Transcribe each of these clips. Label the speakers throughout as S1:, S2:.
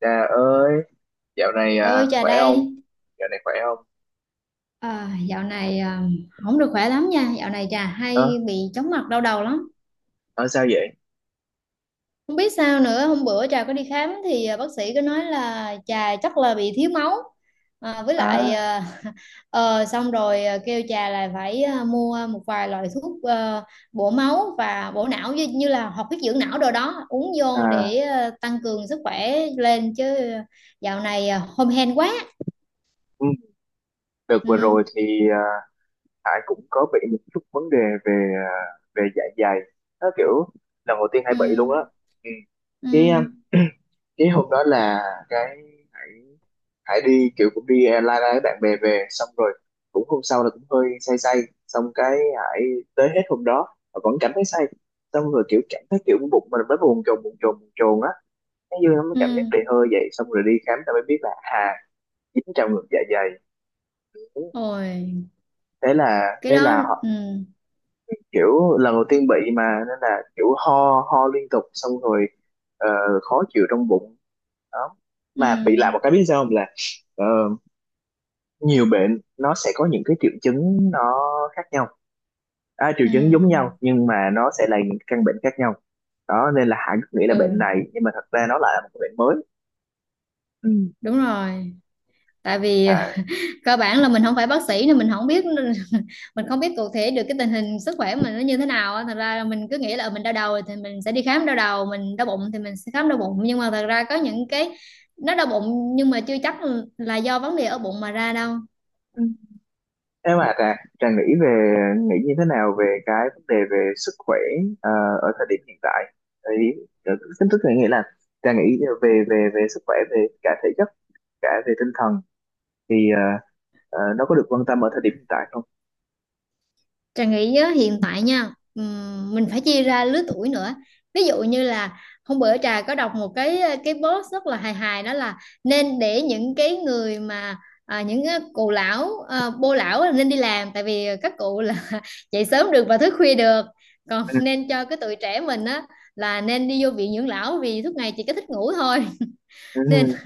S1: Trà ơi, dạo này
S2: Bà ơi trà
S1: khỏe không?
S2: đây.
S1: Dạo này khỏe không?
S2: Dạo này không được khỏe lắm nha. Dạo này trà
S1: Ờ,
S2: hay bị chóng mặt, đau đầu lắm.
S1: nói sao vậy?
S2: Không biết sao nữa, hôm bữa trà có đi khám thì bác sĩ có nói là trà chắc là bị thiếu máu. à, với lại
S1: À,
S2: à, Xong rồi kêu trà là phải mua một vài loại thuốc bổ máu và bổ não, như là hoạt huyết dưỡng não, đồ đó uống vô để
S1: à,
S2: tăng cường sức khỏe lên chứ. Dạo này hom hen quá.
S1: ừ, đợt vừa
S2: Ừ.
S1: rồi thì Hải cũng có bị một chút vấn đề về à, về dạ dày. Nó kiểu lần đầu tiên Hải
S2: Ừ.
S1: bị luôn á. Ừ.
S2: Ừ.
S1: Cái à, cái hôm đó là cái Hải Hải đi kiểu cũng đi lai lai với bạn bè về, xong rồi cũng hôm sau là cũng hơi say say, xong cái Hải tới hết hôm đó mà vẫn cảm thấy say, xong rồi kiểu cảm thấy kiểu bụng mình mới buồn chồn buồn chồn buồn chồn á, cái dương nó mới
S2: Ừ.
S1: cảm giác đầy hơi vậy, xong rồi đi khám ta mới biết là dính trong ngực dạ dày,
S2: Ôi,
S1: thế là
S2: cái
S1: thế
S2: đó.
S1: là
S2: Ừ.
S1: họ kiểu lần đầu tiên bị mà, nên là kiểu ho ho liên tục, xong rồi ờ, khó chịu trong bụng đó,
S2: Ừ.
S1: mà bị lại một cái biết sao không là ờ, nhiều bệnh nó sẽ có những cái triệu chứng nó khác nhau, triệu chứng giống nhau
S2: Ừ.
S1: nhưng mà nó sẽ là những căn bệnh khác nhau đó, nên là Hải cứ nghĩ là bệnh
S2: Ừ.
S1: này nhưng mà thật ra nó lại là một cái bệnh mới. Ừ.
S2: Đúng rồi. Tại vì
S1: À,
S2: cơ bản là mình không phải bác sĩ nên mình không biết. Mình không biết cụ thể được cái tình hình sức khỏe của mình nó như thế nào á. Thật ra là mình cứ nghĩ là mình đau đầu thì mình sẽ đi khám đau đầu, mình đau bụng thì mình sẽ khám đau bụng, nhưng mà thật ra có những cái nó đau bụng nhưng mà chưa chắc là do vấn đề ở bụng mà ra đâu.
S1: ừ. Em à Trà, Trà nghĩ như thế nào về cái vấn đề về sức khỏe ờ, ở thời điểm hiện tại? Thì ờ, chính thức là nghĩa là Trà nghĩ về về về sức khỏe, về cả thể chất cả về tinh thần thì nó có được quan tâm ở thời điểm hiện tại không?
S2: Trà nghĩ á, hiện tại nha, mình phải chia ra lứa tuổi nữa. Ví dụ như là hôm bữa Trà có đọc một cái post rất là hài hài, đó là nên để những cái người mà những cái cụ lão, bô lão là nên đi làm, tại vì các cụ là dậy sớm được và thức khuya được, còn
S1: Ừ,
S2: nên cho cái tụi trẻ mình á là nên đi vô viện dưỡng lão vì suốt ngày chỉ có thích ngủ thôi. Nên
S1: ừ,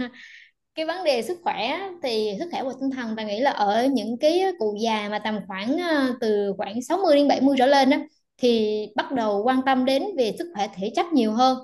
S2: cái vấn đề sức khỏe á, thì sức khỏe và tinh thần ta nghĩ là ở những cái cụ già mà tầm khoảng từ khoảng 60 đến 70 trở lên á, thì bắt đầu quan tâm đến về sức khỏe thể chất nhiều hơn.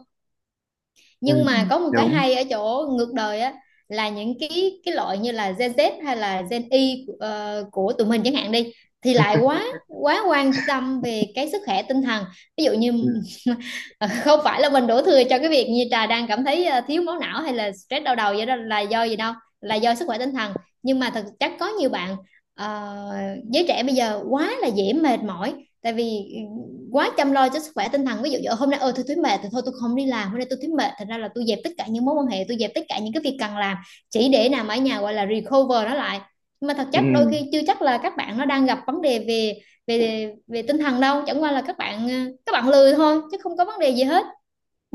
S1: ừ.
S2: Nhưng mà
S1: Ừ,
S2: có một cái
S1: đúng,
S2: hay ở chỗ ngược đời á, là những cái loại như là Gen Z hay là Gen Y, của tụi mình chẳng hạn đi, thì lại quá quá quan tâm về cái sức khỏe tinh thần. Ví dụ
S1: ừ,
S2: như không phải là mình đổ thừa cho cái việc như trà đang cảm thấy thiếu máu não hay là stress đau đầu vậy, đó là do gì đâu, là do sức khỏe tinh thần. Nhưng mà thật chắc có nhiều bạn, ờ, giới trẻ bây giờ quá là dễ mệt mỏi, tại vì quá chăm lo cho sức khỏe tinh thần. Ví dụ như hôm nay ơi tôi thấy mệt thì thôi tôi không đi làm, hôm nay tôi thấy mệt thành ra là tôi dẹp tất cả những mối quan hệ, tôi dẹp tất cả những cái việc cần làm, chỉ để nằm ở nhà gọi là recover nó lại. Nhưng mà thật
S1: ừ.
S2: chất đôi khi chưa chắc là các bạn nó đang gặp vấn đề về về về tinh thần đâu, chẳng qua là các bạn, các bạn lười thôi chứ không có vấn đề gì hết.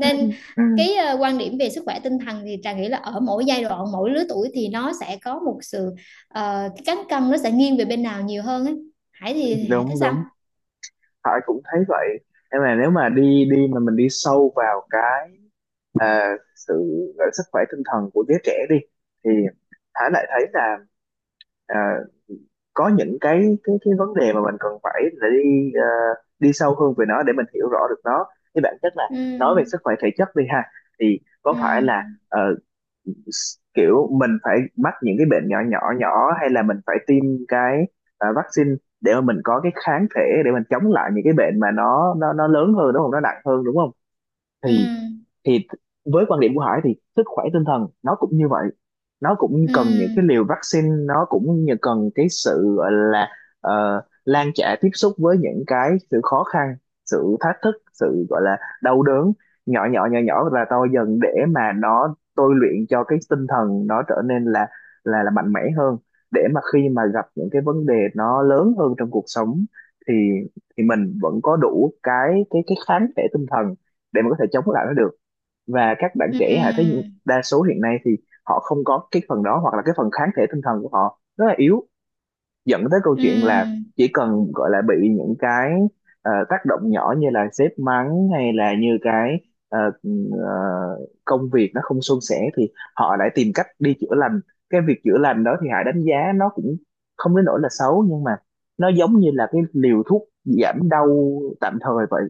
S1: Ừ. Ừ.
S2: cái, quan điểm về sức khỏe tinh thần thì Trà nghĩ là ở mỗi giai đoạn mỗi lứa tuổi thì nó sẽ có một sự, cái cán cân nó sẽ nghiêng về bên nào nhiều hơn ấy. Hải thì Hải thấy
S1: Đúng
S2: sao?
S1: đúng. Hải cũng thấy vậy. Em là nếu mà đi đi mà mình đi sâu vào cái sự sức khỏe tinh thần của đứa trẻ đi, thì Thái lại thấy là à, có những cái vấn đề mà mình cần phải để đi sâu hơn về nó để mình hiểu rõ được nó. Thì bản chất là,
S2: Ừ.
S1: nói về sức khỏe thể chất đi ha, thì có phải là
S2: Ừ.
S1: ờ, kiểu mình phải mắc những cái bệnh nhỏ nhỏ nhỏ hay là mình phải tiêm cái vaccine để mà mình có cái kháng thể để mình chống lại những cái bệnh mà nó lớn hơn đúng không, nó nặng hơn đúng không.
S2: Ừ.
S1: Thì thì với quan điểm của Hải thì sức khỏe tinh thần nó cũng như vậy, nó cũng
S2: Ừ.
S1: cần những cái liều vaccine, nó cũng như cần cái sự gọi là lan trả tiếp xúc với những cái sự khó khăn, sự thách thức, sự gọi là đau đớn nhỏ nhỏ nhỏ nhỏ và to dần để mà nó tôi luyện cho cái tinh thần nó trở nên là là mạnh mẽ hơn, để mà khi mà gặp những cái vấn đề nó lớn hơn trong cuộc sống thì thì mình vẫn có đủ cái cái kháng thể tinh thần để mà có thể chống lại nó được. Và các bạn trẻ hãy thấy,
S2: Ừ.
S1: đa số hiện nay thì họ không có cái phần đó, hoặc là cái phần kháng thể tinh thần của họ rất là yếu, dẫn tới câu chuyện là
S2: Ừ.
S1: chỉ cần gọi là bị những cái tác động nhỏ như là sếp mắng hay là như cái ờ, ờ, công việc nó không suôn sẻ thì họ lại tìm cách đi chữa lành. Cái việc chữa lành đó thì Hải đánh giá nó cũng không đến nỗi là xấu, nhưng mà nó giống như là cái liều thuốc giảm đau tạm thời vậy,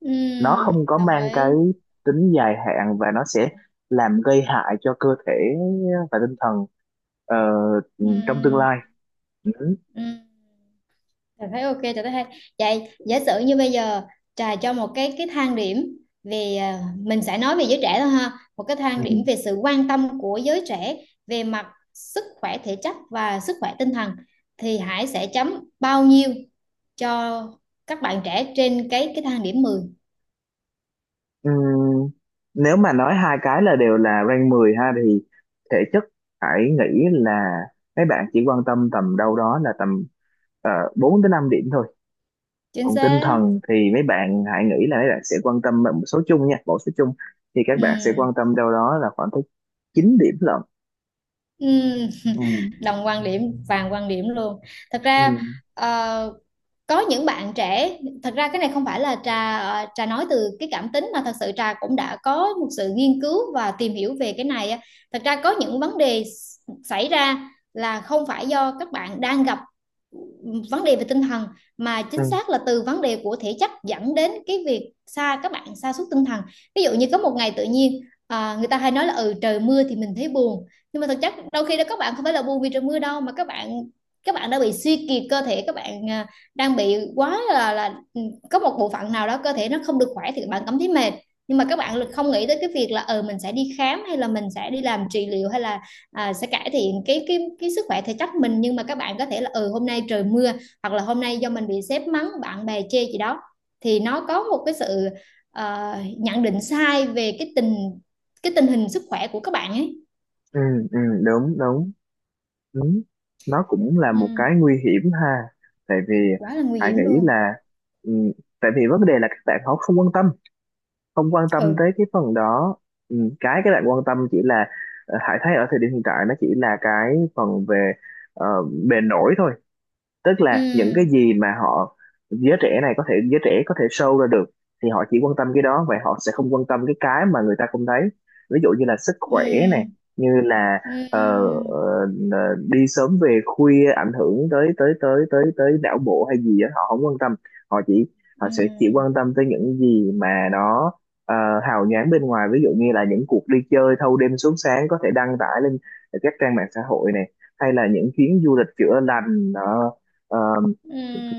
S2: Ừ.
S1: nó không có
S2: Đồng
S1: mang cái
S2: ý.
S1: tính dài hạn và nó sẽ làm gây hại cho cơ thể và tinh thần ờ, trong tương
S2: Ừ.
S1: lai. Ừ.
S2: Ừ. Trà thấy ok, Trà thấy hay. Vậy giả sử như bây giờ Trà cho một cái thang điểm về, mình sẽ nói về giới trẻ thôi ha, một cái thang điểm
S1: Ừ.
S2: về sự quan tâm của giới trẻ về mặt sức khỏe thể chất và sức khỏe tinh thần, thì Hải sẽ chấm bao nhiêu cho các bạn trẻ trên cái thang điểm 10?
S1: Ừ. Nếu mà nói hai cái là đều là rank 10 ha, thì thể chất hãy nghĩ là mấy bạn chỉ quan tâm tầm đâu đó là tầm 4 tới 5 điểm thôi,
S2: Chính
S1: còn tinh
S2: xác.
S1: thần thì mấy bạn hãy nghĩ là mấy bạn sẽ quan tâm một số chung nha, một số chung thì các
S2: Ừ.
S1: bạn sẽ quan tâm đâu đó là khoảng tới 9 điểm lận.
S2: Ừ.
S1: Ừ.
S2: Đồng quan điểm, vàng quan điểm luôn. Thật
S1: Ừ.
S2: ra, ờ, có những bạn trẻ, thật ra cái này không phải là trà, trà nói từ cái cảm tính, mà thật sự trà cũng đã có một sự nghiên cứu và tìm hiểu về cái này á. Thật ra có những vấn đề xảy ra là không phải do các bạn đang gặp vấn đề về tinh thần, mà chính
S1: Ừ.
S2: xác là từ vấn đề của thể chất dẫn đến cái việc xa các bạn sa sút tinh thần. Ví dụ như có một ngày tự nhiên, người ta hay nói là ừ trời mưa thì mình thấy buồn, nhưng mà thực chất đôi khi đó các bạn không phải là buồn vì trời mưa đâu, mà các bạn đã bị suy kiệt cơ thể, các bạn đang bị quá là có một bộ phận nào đó cơ thể nó không được khỏe thì các bạn cảm thấy mệt. Nhưng mà các bạn không nghĩ tới cái việc là mình sẽ đi khám hay là mình sẽ đi làm trị liệu, hay là sẽ cải thiện cái sức khỏe thể chất mình, nhưng mà các bạn có thể là hôm nay trời mưa, hoặc là hôm nay do mình bị sếp mắng, bạn bè chê gì đó, thì nó có một cái sự, nhận định sai về cái tình hình sức khỏe của các bạn ấy.
S1: Ừ, ừ, đúng đúng đúng, nó cũng là một
S2: Ừ.
S1: cái nguy hiểm ha. Tại vì
S2: Quá là nguy
S1: Hải
S2: hiểm
S1: nghĩ
S2: luôn.
S1: là ừ, tại vì vấn đề là các bạn họ không quan tâm, không quan tâm
S2: Ừ.
S1: tới cái phần đó. Cái các bạn quan tâm chỉ là, Hải thấy ở thời điểm hiện tại nó chỉ là cái phần về ờ, bề nổi thôi, tức là những cái
S2: Ừ.
S1: gì mà họ, giới trẻ này có thể, giới trẻ có thể show ra được thì họ chỉ quan tâm cái đó, và họ sẽ không quan tâm cái mà người ta không thấy, ví dụ như là sức khỏe này,
S2: Ừ.
S1: như là ờ,
S2: Ừ.
S1: đi sớm về khuya ảnh hưởng tới tới tới tới tới não bộ hay gì đó họ không quan tâm. Họ chỉ, họ sẽ chỉ
S2: Ừ.
S1: quan tâm tới những gì mà nó ờ, hào nhoáng bên ngoài, ví dụ như là những cuộc đi chơi thâu đêm suốt sáng có thể đăng tải lên các trang mạng xã hội này, hay là những chuyến du lịch chữa lành, Ờ,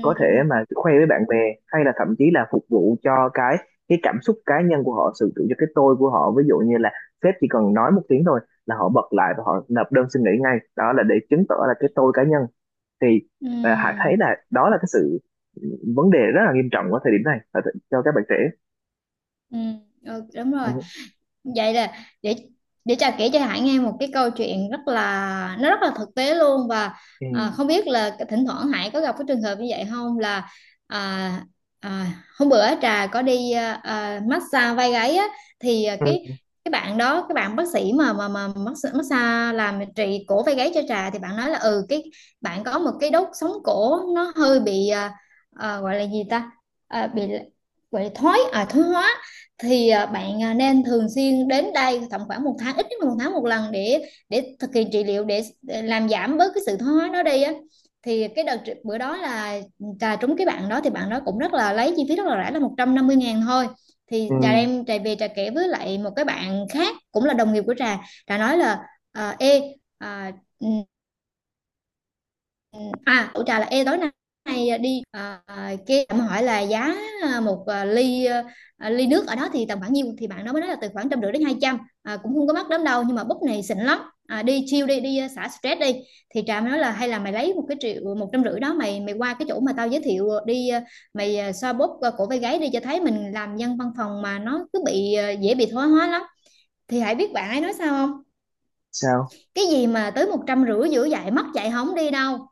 S1: có thể mà khoe với bạn bè, hay là thậm chí là phục vụ cho cái cảm xúc cá nhân của họ, sự tự cho cái tôi của họ, ví dụ như là sếp chỉ cần nói một tiếng thôi là họ bật lại và họ nộp đơn xin nghỉ ngay, đó là để chứng tỏ là cái tôi cá nhân. Thì
S2: Ừ.
S1: Hải
S2: Ừ.
S1: thấy là đó là cái sự, ừ, vấn đề rất là nghiêm trọng ở thời điểm này, cho các bạn trẻ.
S2: Ừ. Ờ, đúng
S1: Ừ.
S2: rồi. Vậy là để để Trà kể cho Hải nghe một cái câu chuyện rất là nó rất là thực tế luôn, và
S1: Ừ.
S2: không biết là thỉnh thoảng Hải có gặp cái trường hợp như vậy không, là à, à, hôm bữa Trà có đi massage vai gáy á. Thì cái
S1: Ừ.
S2: cái bạn đó, cái bạn bác sĩ mà massage làm trị cổ vai gáy cho Trà, thì bạn nói là: ừ cái bạn có một cái đốt sống cổ nó hơi bị, gọi là gì ta, bị, gọi là thoái hóa. Thì bạn nên thường xuyên đến đây tầm khoảng một tháng, ít nhất là một tháng một lần, để thực hiện trị liệu, để làm giảm bớt cái sự thoái hóa đó đi á. Thì cái đợt bữa đó là trà trúng cái bạn đó, thì bạn đó cũng rất là lấy chi phí rất là rẻ, là 150.000 thôi. Thì
S1: Ừ.
S2: trà đem trà về trà kể với lại một cái bạn khác cũng là đồng nghiệp của trà. Trà nói là: ê ừ, tụi trà là ê tối nay đi, cái em hỏi là giá, một ly nước ở đó thì tầm khoảng nhiêu, thì bạn đó mới nói là từ khoảng 150 đến 200, cũng không có mắc lắm đâu nhưng mà bút này xịn lắm, đi chill đi đi, xả stress đi. Thì trà mới nói là: hay là mày lấy một cái triệu 150 đó, mày mày qua cái chỗ mà tao giới thiệu đi, mày xoa bóp cổ vai gáy đi, cho thấy mình làm dân văn phòng mà nó cứ bị, dễ bị thoái hóa lắm. Thì hãy biết bạn ấy nói sao không:
S1: Sao
S2: cái gì mà tới 150, giữa dạy mất dạy không đi đâu,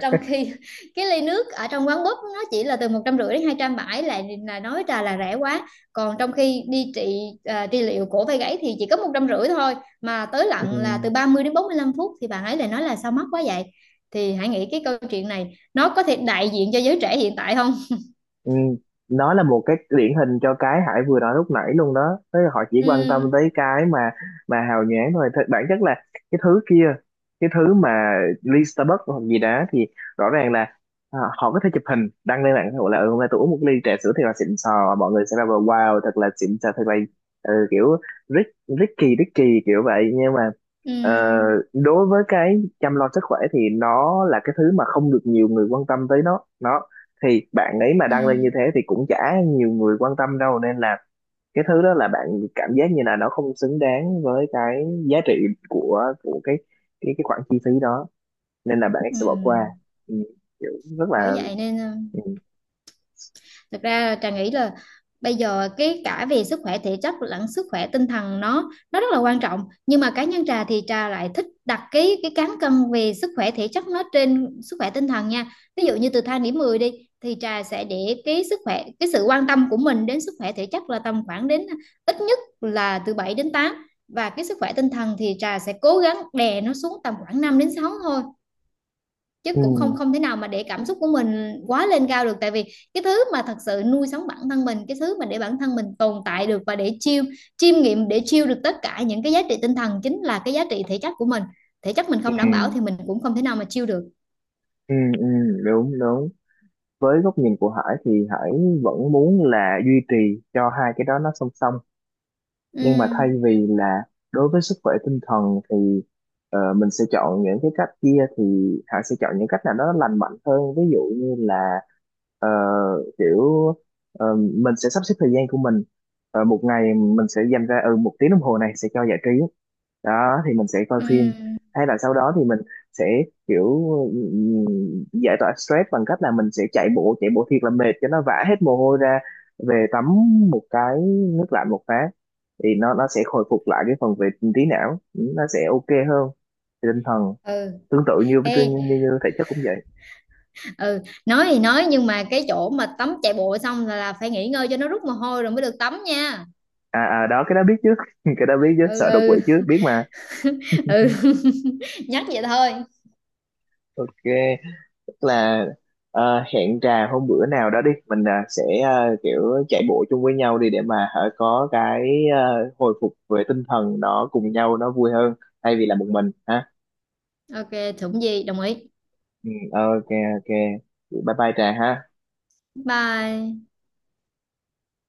S2: trong khi cái ly nước ở trong quán búp nó chỉ là từ 150 đến 270, lại là nói trà là rẻ quá, còn trong khi đi trị liệu cổ vai gáy thì chỉ có 150 thôi, mà tới
S1: ừ.
S2: lặn là từ 30 đến 45 phút, thì bạn ấy lại nói là: sao mắc quá vậy? Thì hãy nghĩ cái câu chuyện này nó có thể đại diện cho giới trẻ hiện tại không?
S1: Ừ, nó là một cái điển hình cho cái Hải vừa nói lúc nãy luôn đó, tức là họ chỉ quan tâm
S2: Ừ.
S1: tới cái mà hào nhoáng thôi. Bản chất là cái thứ kia, cái thứ mà ly Starbucks hoặc gì đó thì rõ ràng là họ có thể chụp hình đăng lên mạng xã hội là, ừ, hôm nay tôi uống một ly trà sữa thiệt là xịn sò, mọi người sẽ bảo là, wow thật là xịn sò thật là, ừ, kiểu rich, Ricky Ricky kiểu vậy. Nhưng mà ờ,
S2: Ừ.
S1: đối với cái chăm lo sức khỏe thì nó là cái thứ mà không được nhiều người quan tâm tới, nó thì bạn ấy mà
S2: Ừ.
S1: đăng lên như thế thì cũng chả nhiều người quan tâm đâu, nên là cái thứ đó là bạn cảm giác như là nó không xứng đáng với cái giá trị của cái cái khoản chi phí đó, nên là bạn ấy
S2: Ừ.
S1: sẽ bỏ qua. Ừ, kiểu rất
S2: Bởi
S1: là,
S2: vậy nên,
S1: ừ,
S2: thực ra Trà nghĩ là bây giờ cái cả về sức khỏe thể chất lẫn sức khỏe tinh thần nó rất là quan trọng. Nhưng mà cá nhân Trà thì Trà lại thích đặt cái cán cân về sức khỏe thể chất nó trên sức khỏe tinh thần nha. Ví dụ như từ thang điểm 10 đi, thì Trà sẽ để cái sức khỏe cái sự quan tâm của mình đến sức khỏe thể chất là tầm khoảng đến, ít nhất là từ 7 đến 8, và cái sức khỏe tinh thần thì Trà sẽ cố gắng đè nó xuống tầm khoảng 5 đến 6 thôi. Chứ
S1: ừ,
S2: cũng không không thể nào mà để cảm xúc của mình quá lên cao được, tại vì cái thứ mà thật sự nuôi sống bản thân mình, cái thứ mà để bản thân mình tồn tại được, và để chiêm nghiệm, để chiêu được tất cả những cái giá trị tinh thần, chính là cái giá trị thể chất của mình. Thể chất mình
S1: ừ,
S2: không đảm bảo thì mình cũng không thể nào mà chiêu được.
S1: ừ, ừ, đúng đúng. Với góc nhìn của Hải thì Hải vẫn muốn là duy trì cho hai cái đó nó song song,
S2: Ừ.
S1: nhưng mà thay vì là đối với sức khỏe tinh thần thì mình sẽ chọn những cái cách kia thì Hải sẽ chọn những cách nào đó lành mạnh hơn, ví dụ như là ờ, kiểu mình sẽ sắp xếp thời gian của mình. Ờ, một ngày mình sẽ dành ra ừ, một tiếng đồng hồ này sẽ cho giải trí, đó thì mình sẽ coi
S2: Ừ.
S1: phim, hay là sau đó thì mình sẽ kiểu giải tỏa stress bằng cách là mình sẽ chạy bộ, chạy bộ thiệt là mệt cho nó vã hết mồ hôi ra, về tắm một cái nước lạnh một phát, thì nó sẽ hồi phục lại cái phần về trí não, nó sẽ ok hơn về tinh thần,
S2: Ừ.
S1: tương tự như
S2: Ê.
S1: như thể chất cũng vậy.
S2: Ừ. Nói thì nói, nhưng mà cái chỗ mà tắm chạy bộ xong là phải nghỉ ngơi cho nó rút mồ hôi rồi mới được tắm nha.
S1: Đó, cái đó biết chứ, cái đó biết chứ,
S2: Ừ.
S1: sợ đột quỵ
S2: Ừ.
S1: chứ biết mà.
S2: Ừ. Nhắc vậy thôi.
S1: Ok, tức là hẹn trà hôm bữa nào đó đi, mình sẽ kiểu chạy bộ chung với nhau đi, để mà hả, có cái hồi phục về tinh thần, nó cùng nhau nó vui hơn thay vì là một mình ha.
S2: Ok, thủng gì đồng ý.
S1: Ừ, ok, ok, bye bye trà ha.
S2: Bye.